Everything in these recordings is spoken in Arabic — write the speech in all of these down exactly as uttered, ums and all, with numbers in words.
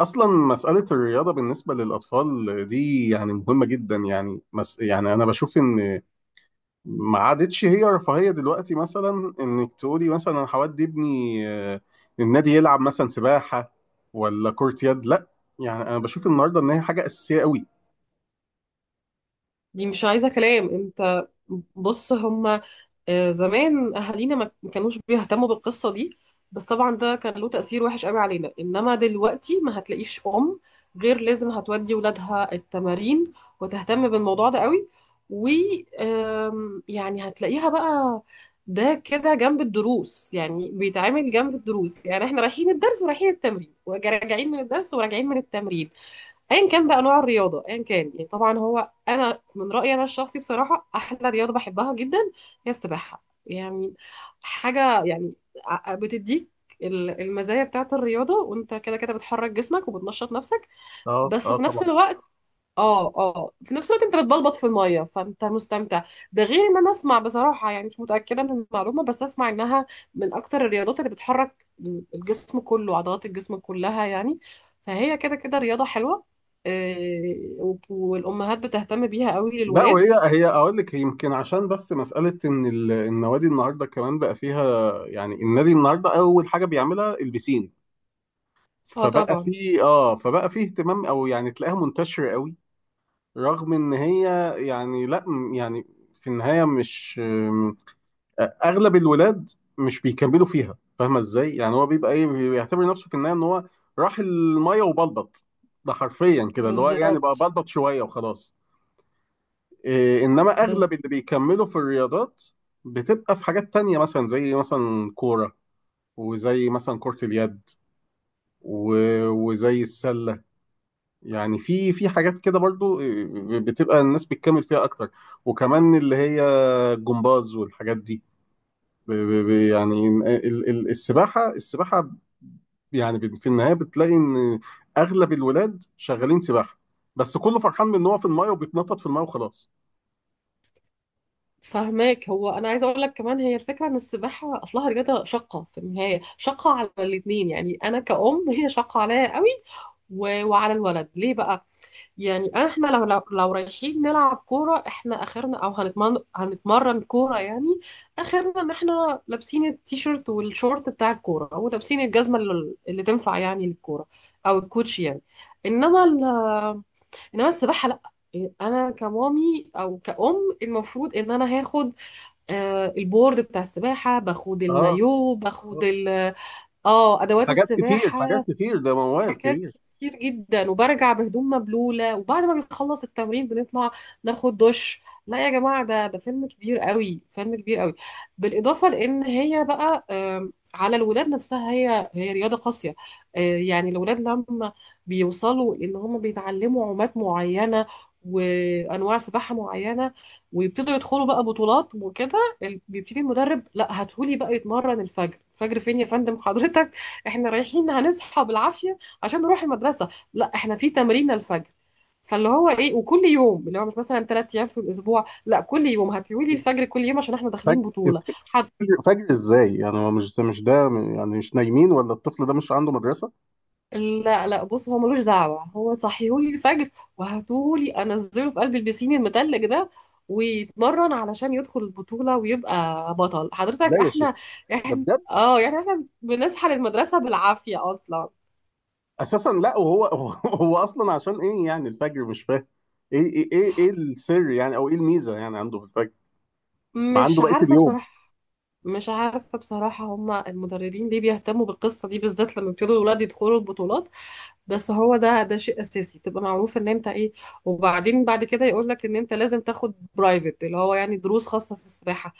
اصلا مساله الرياضه بالنسبه للاطفال دي يعني مهمه جدا، يعني مس... يعني انا بشوف ان ما عادتش هي رفاهيه دلوقتي، مثلا انك تقولي مثلا انا هودي ابني، آه، النادي يلعب مثلا سباحه ولا كره يد، لا يعني انا بشوف النهارده ان هي حاجه اساسيه قوي. دي مش عايزة كلام انت. بص هما، آه، زمان اهالينا ما ما كانوش بيهتموا بالقصة دي. بس طبعا ده كان له تأثير وحش قوي علينا، انما دلوقتي ما هتلاقيش ام غير لازم هتودي ولادها التمارين وتهتم بالموضوع ده قوي. و آم، يعني هتلاقيها بقى ده كده جنب الدروس، يعني بيتعامل جنب الدروس. يعني احنا رايحين الدرس ورايحين التمرين وراجعين من الدرس وراجعين من التمرين. ايا كان بقى نوع الرياضه ايا كان، يعني طبعا هو انا من رايي انا الشخصي بصراحه احلى رياضه بحبها جدا هي السباحه يعني. حاجه يعني ع- بتديك ال- المزايا بتاعت الرياضه، وانت كده كده بتحرك جسمك وبتنشط نفسك. اه بس اه في طبعا. نفس الوقت، اه اه في نفس الوقت انت بتبلبط في الميه فانت مستمتع. ده غير ان انا اسمع بصراحه، يعني مش متاكده من المعلومه بس اسمع انها من اكتر الرياضات اللي بتحرك الجسم كله، عضلات الجسم كلها يعني. فهي كده كده رياضه حلوه. آه، و- والامهات بتهتم بيها قوي لا للولاد. وهي هي اقول لك، هي يمكن عشان بس مساله ان ال- النوادي النهارده كمان بقى فيها، يعني النادي النهارده اول حاجه بيعملها البسين، اه فبقى طبعا. في اه فبقى في اهتمام، او يعني تلاقيها منتشرة قوي. رغم ان هي يعني لا، م- يعني في النهاية مش م- اغلب الولاد مش بيكملوا فيها، فاهمة ازاي؟ يعني هو بيبقى ايه، بيعتبر نفسه في النهاية ان هو راح المية وبلبط، ده حرفيا كده، اللي هو يعني بقى بالظبط. بلبط شوية وخلاص. إيه، انما بز... اغلب اللي بيكملوا في الرياضات بتبقى في حاجات تانية، مثلا زي مثلا كورة، وزي مثلا كرة اليد، و- وزي السلة، يعني في في حاجات كده برضو آه، آه، بتبقى الناس بتكمل فيها اكتر، وكمان اللي هي الجمباز والحاجات دي. ب- ب- ب- يعني ال- ال- السباحة السباحة، يعني بت- في النهاية بتلاقي ان اغلب الولاد شغالين سباحة، بس كله فرحان من ان هو في المايه وبيتنطط في المايه وخلاص. فهماك، هو انا عايزه اقول لك كمان هي الفكره ان السباحه اصلها رياضه شاقه، في النهايه شاقه على الاثنين، يعني انا كأم هي شاقه عليا قوي. و... وعلى الولد ليه بقى. يعني احنا لو لو, لو رايحين نلعب كورة، احنا اخرنا او هنتمرن هنتمرن كورة يعني. اخرنا ان احنا لابسين التيشيرت والشورت بتاع الكورة ولابسين الجزمة اللي, اللي تنفع يعني للكورة، او الكوتشي يعني. انما ال انما السباحة لا. انا كمامي او كأم المفروض ان انا هاخد آه، البورد بتاع السباحة، باخد اه. المايو، باخد آه. ال- اه ادوات حاجات كتير حاجات السباحة، كتير، ده موال حاجات كبير. كتير جدا، وبرجع بهدوم مبلولة، وبعد ما بنخلص التمرين بنطلع ناخد دش. لا يا جماعة، ده ده فيلم كبير قوي، فيلم كبير قوي. بالإضافة لأن هي بقى آم، على الولاد نفسها هي هي رياضة قاسية. آه، يعني الولاد لما بيوصلوا إن هم بيتعلموا عومات معينة وأنواع سباحة معينة، ويبتدوا يدخلوا بقى بطولات وكده، ال- بيبتدي المدرب لا هاتهولي بقى يتمرن الفجر. الفجر فين يا فندم حضرتك؟ احنا رايحين هنصحى بالعافية عشان نروح المدرسة، لا احنا في تمرين الفجر. فاللي هو ايه، وكل يوم، اللي هو مش مثلا ثلاث ايام في الاسبوع، لا كل يوم هتقولي لي الفجر، كل يوم، عشان احنا فجر داخلين بطولة حد. فجر ازاي؟ يعني هو مش ده مش ده، يعني مش نايمين؟ ولا الطفل ده مش عنده مدرسة؟ لا لا، بص هو ملوش دعوة، هو صحيهولي الفجر وهاتولي انزله في قلب البسين المتلج ده، ويتمرن علشان يدخل البطولة ويبقى بطل. لا حضرتك يا شيخ، احنا ده احنا بجد. اه، يعني احنا بنصحى للمدرسة بالعافية اصلا. اساسا لا، وهو هو, هو اصلا عشان ايه يعني الفجر؟ مش فاهم ايه ايه ايه ايه السر يعني، او ايه الميزه يعني عنده في الفجر؟ ما مش عنده بقيه عارفة اليوم. بصراحة. مش عارفة بصراحة هما المدربين ليه بيهتموا بالقصة دي بالذات لما بيبتدوا الولاد يدخلوا البطولات. بس هو ده ده شيء أساسي، تبقى معروف إن أنت إيه. وبعدين بعد كده يقول لك إن أنت لازم تاخد برايفت اللي هو يعني دروس خاصة في السباحة.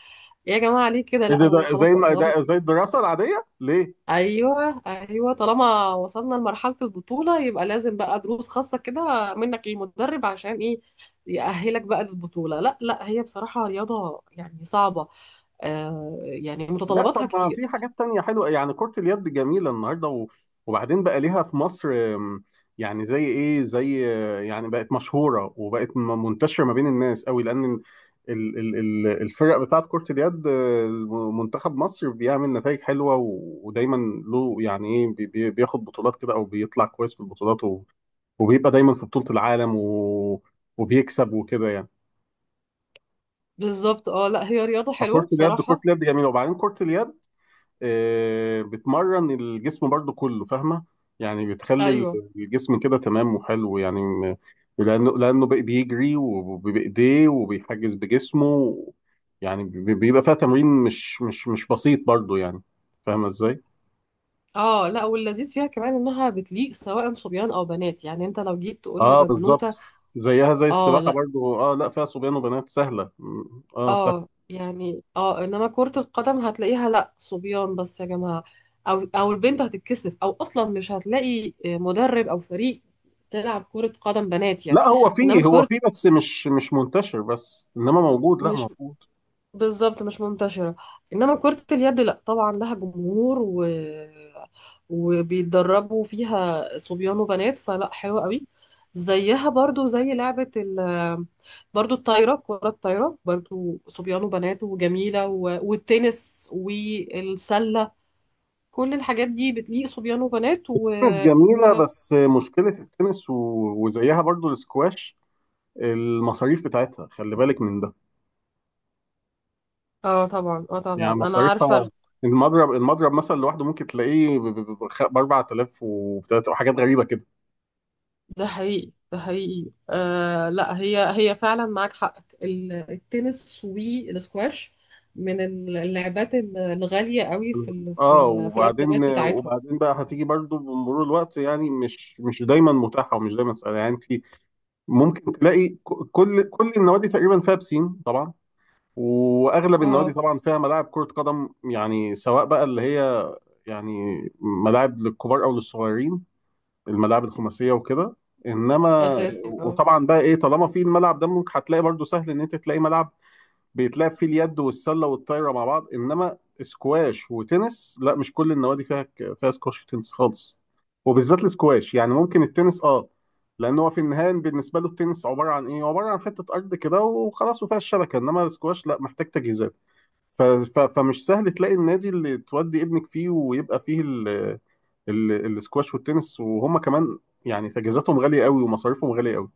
يا جماعة ليه كده، ايه لا ده هو ده زي خلاص بقى الم- ده طالما. زي الدراسه العاديه ليه؟ أيوه أيوه، طالما وصلنا لمرحلة البطولة يبقى لازم بقى دروس خاصة كده منك للمدرب عشان إيه يأهلك بقى للبطولة. لا لا، هي بصراحة رياضة يعني صعبة. آه يعني لا طب متطلباتها ما كتير. في حاجات تانية حلوة، يعني كرة اليد جميلة النهاردة، و... وبعدين بقى ليها في مصر آم، يعني زي ايه، زي آه، يعني بقت مشهورة وبقت م- منتشرة ما بين الناس قوي، لأن ال... ال... ال... ال- الفرق بتاعت كرة اليد آه، منتخب مصر بيعمل نتائج حلوة، و... ودايما له يعني ايه، بي... بي- بياخد بطولات كده، او بيطلع كويس في البطولات، و... وبيبقى دايما في بطولة العالم و... وبيكسب وكده يعني. بالظبط. اه لا هي رياضة فكرة حلوة اليد، كرة بصراحة. اليد جميلة، وبعدين كرة اليد آه، بتمرن الجسم برضو كله، فاهمة؟ يعني بتخلي ال- ايوه. الجسم كده تمام وحلو، يعني م- لأنه لأنه بي- بيجري وبإيديه وبيحجز بجسمه، يعني بي- بيبقى فيها تمرين مش مش مش بسيط برضو يعني. فاهمة ازاي؟ اه لا واللذيذ فيها كمان انها بتليق سواء صبيان او بنات، يعني انت لو جيت تقول اه بالظبط، لبنوتة. زيها زي اه السباحة لا. برضو، اه لا، فيها صبيان وبنات، سهلة م- اه سهلة. اه يعني اه، انما كرة القدم هتلاقيها لا صبيان بس يا جماعة، او او البنت هتتكسف، او اصلا مش هتلاقي مدرب او فريق تلعب كرة قدم بنات يعني. لا هو انما فيه هو كرة، فيه بس مش مش منتشر بس، انما موجود، لا مش، موجود. بالظبط مش منتشرة. إنما كرة اليد لأ، طبعا لها جمهور، و... وبيتدربوا فيها صبيان وبنات، فلأ حلوة قوي. زيها برضو زي لعبة ال... برضو الطايرة، كرة الطايرة برضو صبيان وبنات وجميلة، و... والتنس والسلة، كل الحاجات دي بتليق صبيان وبنات و... تنس جميلة، و... بس مشكلة التنس، و... وزيها برضو السكواش، المصاريف بتاعتها، خلي بالك من ده. اه طبعا. اه يعني طبعا انا مصاريفها، عارفة. المضرب المضرب مثلا لوحده ممكن تلاقيه ب ب- ب- خ- ب اربعة آلاف، وبتلات- وحاجات غريبة كده. ده حقيقي ده حقيقي. آه لا، هي هي فعلا معاك حق. ال- التنس والسكواش من ال- اللعبات ال- الغالية قوي في ال في اه، ال في الأدوات وبعدين بتاعتها. وبعدين بقى هتيجي برضو بمرور الوقت، يعني مش مش دايما متاحة، ومش دايما سهلة يعني. في ممكن تلاقي ك- كل كل النوادي تقريبا فيها بسين طبعا، واغلب النوادي اه طبعا فيها ملاعب كرة قدم، يعني سواء بقى اللي هي يعني ملاعب للكبار او للصغيرين، الملاعب الخماسيه وكده. انما أساسي. اه وطبعا بقى ايه، طالما في الملعب ده ممكن هتلاقي برضو سهل ان انت تلاقي ملعب بيتلعب فيه اليد والسله والطايره مع بعض، انما سكواش وتنس لا، مش كل النوادي فيها فيها سكواش وتنس خالص. وبالذات السكواش، يعني ممكن التنس اه، لان هو في النهايه بالنسبه له التنس عباره عن ايه عباره عن حته ارض كده وخلاص وفيها الشبكه، انما السكواش لا، محتاج تجهيزات. ف- ف- فمش سهل تلاقي النادي اللي تودي ابنك فيه ويبقى فيه ال... ال- الاسكواش والتنس، وهم كمان يعني تجهيزاتهم غالية قوي ومصاريفهم غالية قوي.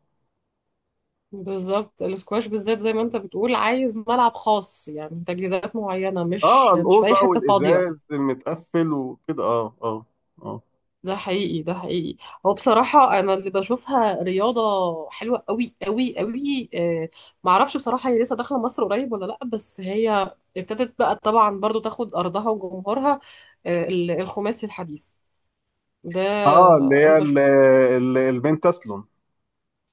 بالظبط، السكواش بالذات زي ما انت بتقول عايز ملعب خاص، يعني تجهيزات معينة، اه مش مش في أي الأوضة حتة فاضية. والإزاز المتقفل وكده، اه اه. اه ده حقيقي ده حقيقي. هو بصراحة أنا اللي بشوفها رياضة حلوة قوي قوي قوي، آه، معرفش بصراحة هي لسه داخلة مصر قريب ولا لأ، بس هي ابتدت بقى طبعا برضو تاخد أرضها وجمهورها، آه، ال- الخماسي الحديث ده. اه، اللي أنا هي بشوف. ال- ال- البنت تسلم.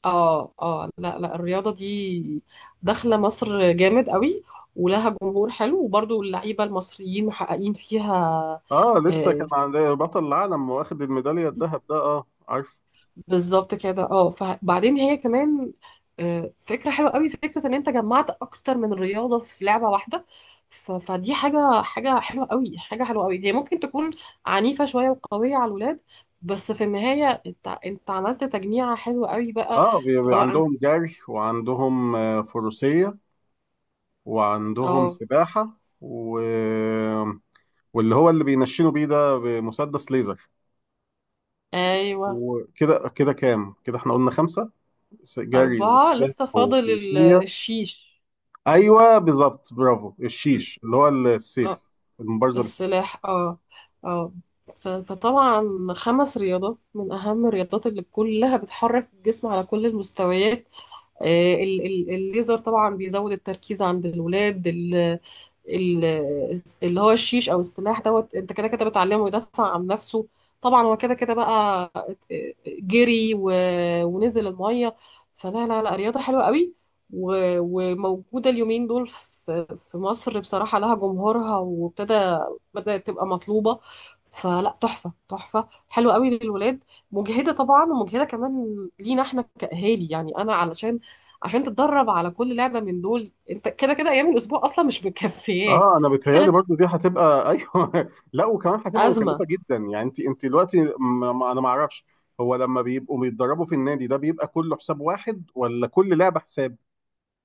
اه اه لا لا، الرياضة دي داخلة مصر جامد قوي، ولها جمهور حلو، وبرضو اللعيبة المصريين محققين فيها. اه، لسه كان آه، عند بطل العالم واخد الميدالية الذهب ده، اه عارف. بالظبط كده. اه فبعدين هي كمان آه، فكرة حلوة قوي، فكرة ان انت جمعت اكتر من رياضة في لعبة واحدة. ف- فدي حاجة، حاجة حلوة قوي، حاجة حلوة قوي. هي ممكن تكون عنيفة شوية وقوية على الولاد، بس في النهاية انت انت عملت تجميعة حلوة قوي بقى. اه بي- بي- سواء. عندهم جري، وعندهم آه، فروسية، وعندهم اه. سباحة، و... واللي هو اللي بينشنوا بيه ده بمسدس ليزر، ايوه وكده كده كام كده؟ احنا قلنا خمسة: جري اربعة وسباحة لسه فاضل ال- وفروسية. الشيش، أيوه بالظبط، برافو، الشيش اللي هو السيف، المبارزة بالسيف. السلاح. اه اه. ف- فطبعا خمس رياضات من أهم الرياضات اللي كلها بتحرك الجسم على كل المستويات. آه، ال- ال- الليزر طبعا بيزود التركيز عند الولاد. ال- ال- اللي هو الشيش او السلاح دوت، انت كده كده بتعلمه يدافع عن نفسه. طبعا هو كده كده بقى جري و- ونزل الميه. فلا لا لا، رياضه حلوه قوي، و- وموجوده اليومين دول في في مصر بصراحه، لها جمهورها وابتدى، بدات تبقى مطلوبه. فلا تحفه، تحفه حلوه قوي للولاد. مجهده طبعا، ومجهده كمان لينا احنا كاهالي، يعني انا علشان، عشان تتدرب على كل لعبة من دول انت كده كده ايام الاسبوع اصلا مش مكفياك. اه انا بتهيالي تلات برضو دي هتبقى ايوه، لا وكمان هتبقى ازمة. مكلفه جدا، يعني انت انت دلوقتي، م... م- انا ما اعرفش، هو لما بيبقوا بيتدربوا في النادي ده بيبقى كله حساب واحد ولا كل لعبه حساب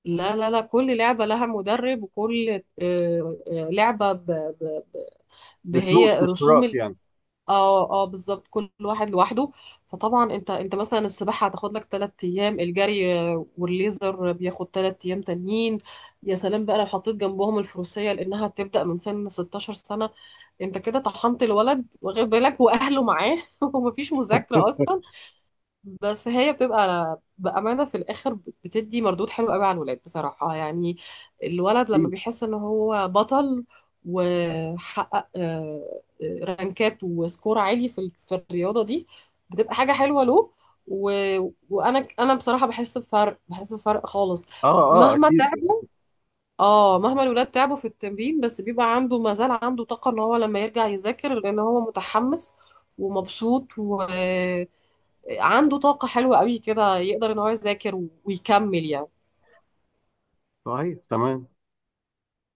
لا لا لا، كل لعبة لها مدرب، وكل آه، آه، لعبة ب- ب- ب- بفلوس، هي رسوم باشتراك ال... يعني؟ اه اه بالظبط، كل واحد لوحده. فطبعا انت انت مثلا السباحة هتاخد لك تلات ايام، الجري آه، والليزر بياخد تلات ايام تانيين. يا سلام بقى لو حطيت جنبهم الفروسية لانها هتبدأ من سن ستاشر سنة، انت كده طحنت الولد، واخد بالك واهله معاه. ومفيش مذاكرة اصلا. بس هي بتبقى بأمانة في الآخر بتدي مردود حلو قوي على الولاد بصراحة، يعني الولد لما اكيد. بيحس إن هو بطل وحقق آه، آه، رانكات وسكور عالي في ال- في الرياضة دي، بتبقى حاجة حلوة له. و... وأنا أنا بصراحة بحس بفرق، بحس بفرق خالص، اه اه مهما اكيد. تعبوا. اه مهما الولاد تعبوا في التمرين، بس بيبقى عنده، ما زال عنده طاقة ان هو لما يرجع يذاكر لان هو متحمس ومبسوط، و... عنده طاقة حلوة قوي كده، يقدر ان هو يذاكر ويكمل يعني. صحيح تمام.